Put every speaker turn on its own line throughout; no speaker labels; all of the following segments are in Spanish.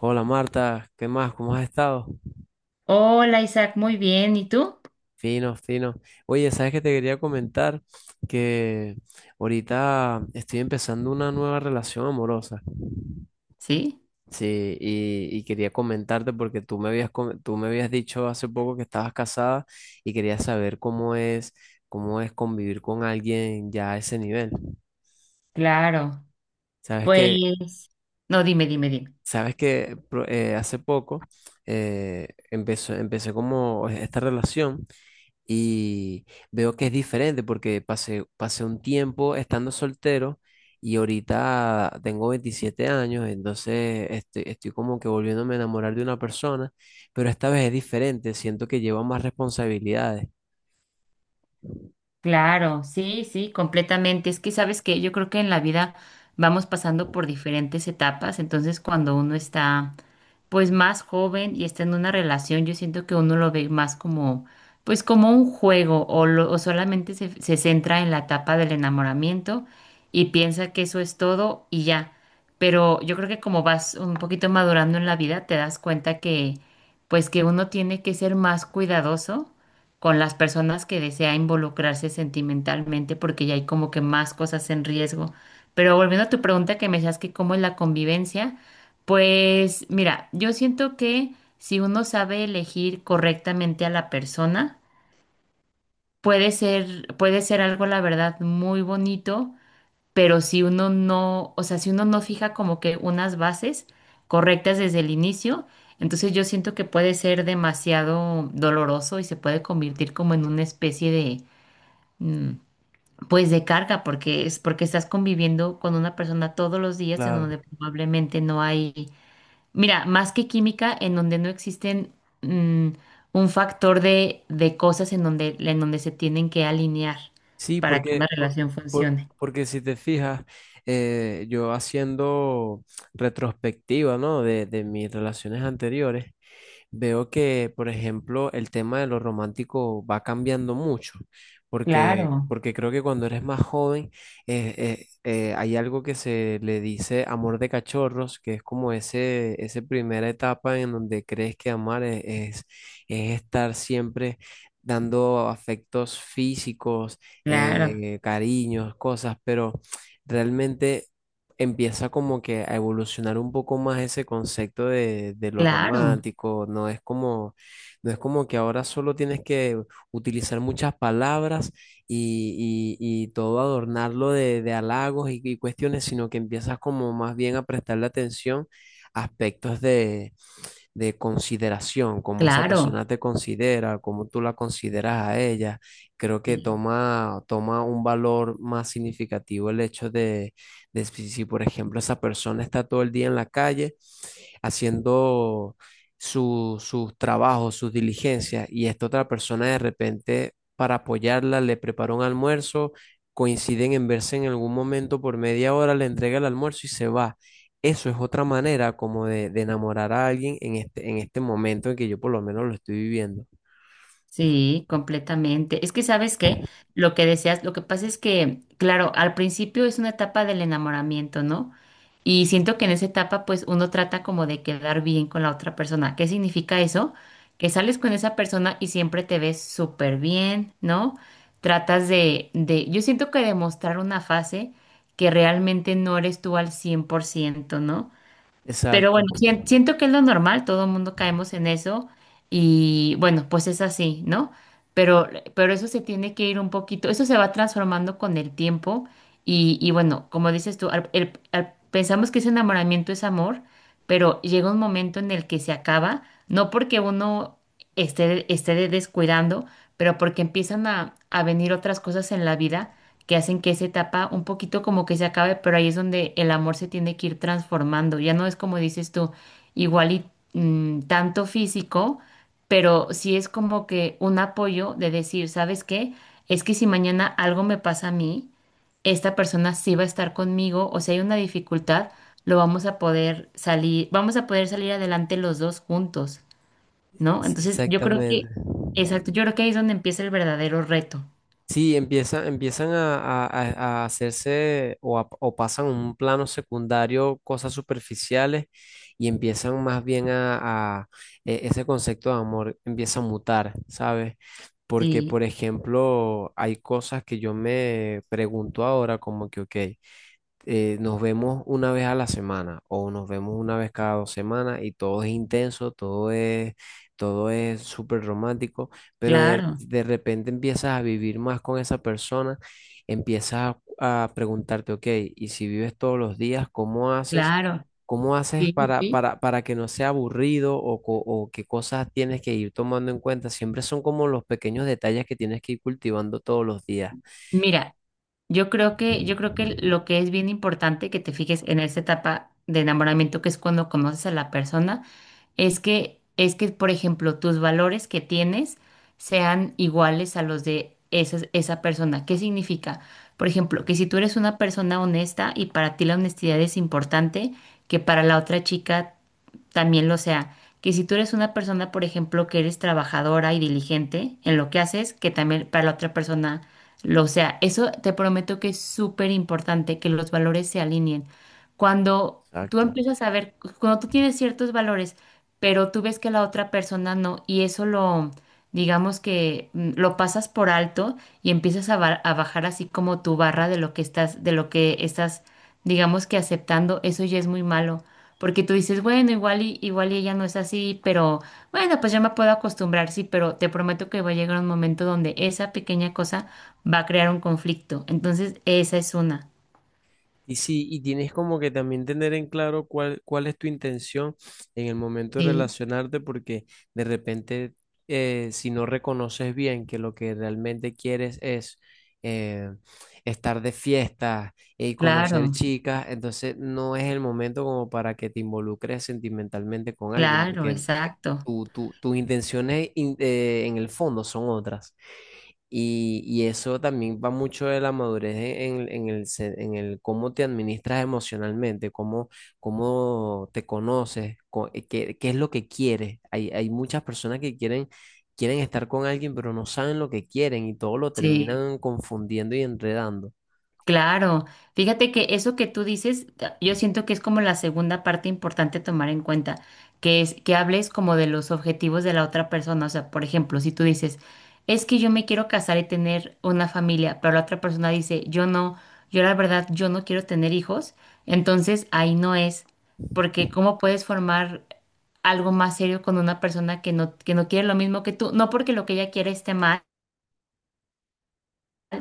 Hola Marta, ¿qué más? ¿Cómo has estado?
Hola Isaac, muy bien. ¿Y tú?
Fino, fino. Oye, ¿sabes qué te quería comentar? Que ahorita estoy empezando una nueva relación amorosa.
Sí,
Sí, y quería comentarte porque tú me habías dicho hace poco que estabas casada y quería saber cómo es convivir con alguien ya a ese nivel.
claro.
Sabes que,
Pues, no, dime, dime, dime.
sabes que hace poco empecé como esta relación. Y veo que es diferente porque pasé un tiempo estando soltero y ahorita tengo 27 años, entonces estoy como que volviéndome a enamorar de una persona, pero esta vez es diferente, siento que lleva más responsabilidades.
Claro, sí, sí, completamente. Es que sabes que yo creo que en la vida vamos pasando por diferentes etapas, entonces cuando uno está pues más joven y está en una relación, yo siento que uno lo ve más como pues como un juego o, o solamente se centra en la etapa del enamoramiento y piensa que eso es todo y ya. Pero yo creo que como vas un poquito madurando en la vida, te das cuenta que pues que uno tiene que ser más cuidadoso con las personas que desea involucrarse sentimentalmente porque ya hay como que más cosas en riesgo. Pero volviendo a tu pregunta que me decías que cómo es la convivencia, pues mira, yo siento que si uno sabe elegir correctamente a la persona, puede ser algo, la verdad, muy bonito, pero si uno no, o sea, si uno no fija como que unas bases correctas desde el inicio, entonces yo siento que puede ser demasiado doloroso y se puede convertir como en una especie de, mm, pues de carga, porque es porque estás conviviendo con una persona todos los días en
Claro.
donde probablemente no hay, mira, más que química, en donde no existen, mm, un factor de, cosas en donde se tienen que alinear
Sí,
para que
porque,
una relación
por-
funcione.
porque si te fijas, yo haciendo retrospectiva, ¿no? De mis relaciones anteriores, veo que, por ejemplo, el tema de lo romántico va cambiando mucho, porque,
Claro.
porque creo que cuando eres más joven hay algo que se le dice amor de cachorros, que es como ese, esa primera etapa en donde crees que amar es estar siempre dando afectos físicos,
Claro.
cariños, cosas, pero realmente empieza como que a evolucionar un poco más ese concepto de lo
Claro,
romántico. No es como que ahora solo tienes que utilizar muchas palabras y todo adornarlo de halagos y cuestiones, sino que empiezas como más bien a prestarle atención a aspectos de consideración, cómo esa
claro,
persona te considera, cómo tú la consideras a ella. Creo que
sí,
toma un valor más significativo el hecho de si, por ejemplo, esa persona está todo el día en la calle haciendo sus trabajos, sus diligencias, y esta otra persona de repente, para apoyarla, le prepara un almuerzo, coinciden en verse en algún momento por media hora, le entrega el almuerzo y se va. Eso es otra manera como de enamorar a alguien en este momento en que yo por lo menos lo estoy viviendo.
sí, completamente. Es que sabes qué, lo que deseas, lo que pasa es que, claro, al principio es una etapa del enamoramiento, ¿no? Y siento que en esa etapa, pues uno trata como de quedar bien con la otra persona. ¿Qué significa eso? Que sales con esa persona y siempre te ves súper bien, ¿no? Tratas de, yo siento que demostrar una fase que realmente no eres tú al 100%, ¿no? Pero
Exacto,
bueno, siento que es lo normal, todo el mundo caemos en eso y bueno, pues es así, ¿no? Pero, pero eso se tiene que ir un poquito, eso se va transformando con el tiempo y bueno, como dices tú, pensamos que ese enamoramiento es amor, pero llega un momento en el que se acaba, no porque uno esté descuidando, pero porque empiezan a venir otras cosas en la vida que hacen que esa etapa un poquito como que se acabe, pero ahí es donde el amor se tiene que ir transformando. Ya no es como dices tú, igual y, tanto físico, pero sí es como que un apoyo de decir, ¿sabes qué? Es que si mañana algo me pasa a mí, esta persona sí va a estar conmigo, o si hay una dificultad, lo vamos a poder salir, vamos a poder salir adelante los dos juntos, ¿no?
es-
Entonces, yo creo
exactamente.
que, exacto, yo creo que ahí es donde empieza el verdadero reto.
Sí, empiezan, empiezan a, a- a- a hacerse, o pasan a un plano secundario cosas superficiales y empiezan más bien ese concepto de amor empieza a mutar, ¿sabes? Porque,
Sí,
por ejemplo, hay cosas que yo me pregunto ahora como que, ok, nos vemos una vez a la semana o nos vemos una vez cada 2 semanas y todo es intenso, todo es súper romántico, pero de,
claro.
de repente empiezas a vivir más con esa persona, empiezas a preguntarte, ok, y si vives todos los días, ¿cómo haces?
Claro,
¿Cómo haces
sí,
para,
sí.
para, para que no sea aburrido, o qué cosas tienes que ir tomando en cuenta? Siempre son como los pequeños detalles que tienes que ir cultivando todos los días.
Mira, yo creo que lo que es bien importante que te fijes en esta etapa de enamoramiento, que es cuando conoces a la persona, es que, por ejemplo, tus valores que tienes sean iguales a los de esa persona. ¿Qué significa? Por ejemplo, que si tú eres una persona honesta y para ti la honestidad es importante, que para la otra chica también lo sea. Que si tú eres una persona, por ejemplo, que eres trabajadora y diligente en lo que haces, que también para la otra persona lo, o sea, eso te prometo que es súper importante que los valores se alineen. Cuando tú
Exacto.
empiezas a ver, cuando tú tienes ciertos valores, pero tú ves que la otra persona no, y eso lo, digamos que, lo pasas por alto y empiezas a, a bajar así como tu barra de lo que estás, digamos que aceptando, eso ya es muy malo. Porque tú dices, bueno, igual y ella no es así, pero bueno, pues ya me puedo acostumbrar, sí, pero te prometo que va a llegar un momento donde esa pequeña cosa va a crear un conflicto. Entonces, esa es una.
Y sí, y tienes como que también tener en claro cuál es tu intención en el momento de
Sí,
relacionarte, porque de repente, si no reconoces bien que lo que realmente quieres es eh, estar de fiesta y conocer
claro,
chicas, entonces no es el momento como para que te involucres sentimentalmente con alguien,
claro,
porque
exacto.
tus intenciones en el fondo son otras. Y eso también va mucho de la madurez en el cómo te administras emocionalmente, cómo te conoces, qué es lo que quieres. Hay muchas personas que quieren estar con alguien, pero no saben lo que quieren y todo lo
Sí.
terminan confundiendo y enredando.
Claro, fíjate que eso que tú dices, yo siento que es como la segunda parte importante tomar en cuenta, que es que hables como de los objetivos de la otra persona. O sea, por ejemplo, si tú dices, es que yo me quiero casar y tener una familia, pero la otra persona dice, yo no, yo la verdad, yo no quiero tener hijos, entonces ahí no es, porque ¿cómo puedes formar algo más serio con una persona que no quiere lo mismo que tú? No porque lo que ella quiere esté mal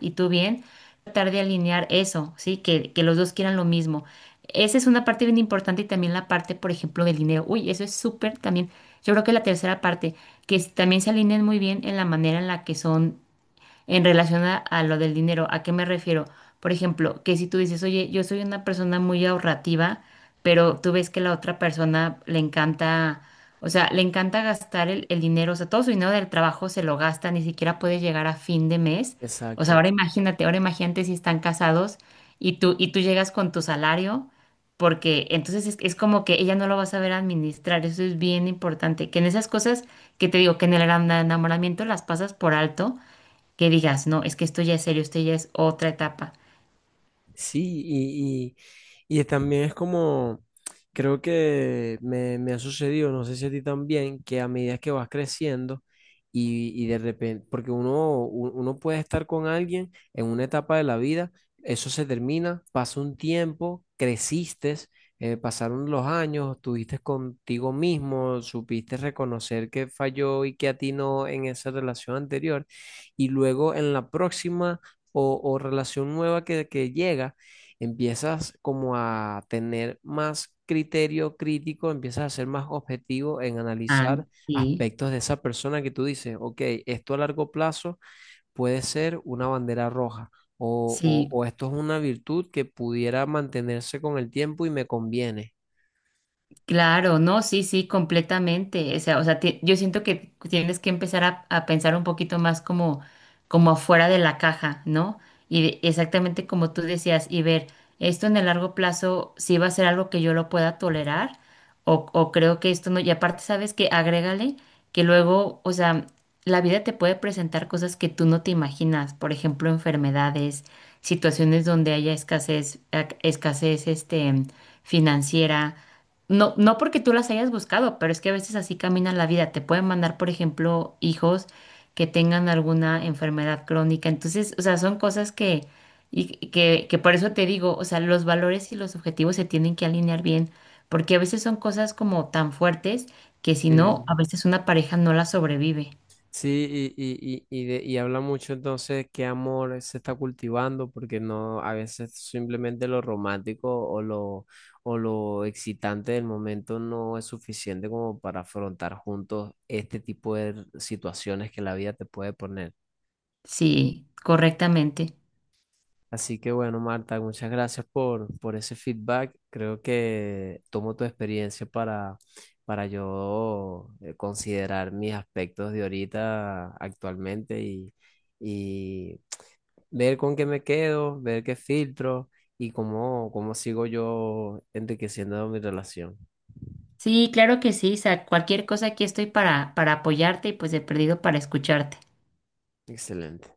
y tú bien, tratar de alinear eso, ¿sí? Que los dos quieran lo mismo. Esa es una parte bien importante y también la parte, por ejemplo, del dinero. Uy, eso es súper también. Yo creo que la tercera parte, que también se alineen muy bien en la manera en la que son en relación a lo del dinero. ¿A qué me refiero? Por ejemplo, que si tú dices, oye, yo soy una persona muy ahorrativa, pero tú ves que la otra persona le encanta, o sea, le encanta gastar el dinero, o sea, todo su dinero del trabajo se lo gasta, ni siquiera puede llegar a fin de mes. O sea,
Exacto.
ahora imagínate si están casados y tú llegas con tu salario, porque entonces es como que ella no lo va a saber administrar, eso es bien importante, que en esas cosas que te digo, que en el enamoramiento las pasas por alto, que digas, no, es que esto ya es serio, esto ya es otra etapa.
Sí, y también es como, creo que me ha sucedido, no sé si a ti también, que a medida que vas creciendo y de repente, porque uno puede estar con alguien en una etapa de la vida, eso se termina, pasa un tiempo, creciste, pasaron los años, estuviste contigo mismo, supiste reconocer que falló y que atinó en esa relación anterior, y luego en la próxima o relación nueva que llega, empiezas como a tener más criterio crítico, empiezas a ser más objetivo en
Ah,
analizar
sí,
aspectos de esa persona que tú dices, ok, esto a largo plazo puede ser una bandera roja. O, o
sí,
o esto es una virtud que pudiera mantenerse con el tiempo y me conviene.
claro, no, sí, sí, completamente. O sea, yo siento que tienes que empezar a pensar un poquito más como afuera de la caja, ¿no? Y exactamente como tú decías, y ver, esto en el largo plazo sí va a ser algo que yo lo pueda tolerar, o creo que esto no, y aparte, sabes que agrégale que luego, o sea, la vida te puede presentar cosas que tú no te imaginas, por ejemplo, enfermedades, situaciones donde haya escasez, escasez, financiera. No, no porque tú las hayas buscado, pero es que a veces así camina la vida. Te pueden mandar, por ejemplo, hijos que tengan alguna enfermedad crónica. Entonces, o sea, son cosas que, y que por eso te digo, o sea, los valores y los objetivos se tienen que alinear bien, porque a veces son cosas como tan fuertes que si no,
Sí.
a veces una pareja no la sobrevive.
Sí, y habla mucho entonces qué amor se está cultivando, porque no, a veces simplemente lo romántico o lo excitante del momento no es suficiente como para afrontar juntos este tipo de situaciones que la vida te puede poner.
Sí, correctamente.
Así que bueno, Marta, muchas gracias por ese feedback. Creo que tomo tu experiencia para yo considerar mis aspectos de ahorita actualmente y ver con qué me quedo, ver qué filtro y cómo sigo yo enriqueciendo mi relación.
Sí, claro que sí, Isaac. Cualquier cosa aquí estoy para apoyarte y pues de perdido para escucharte.
Excelente.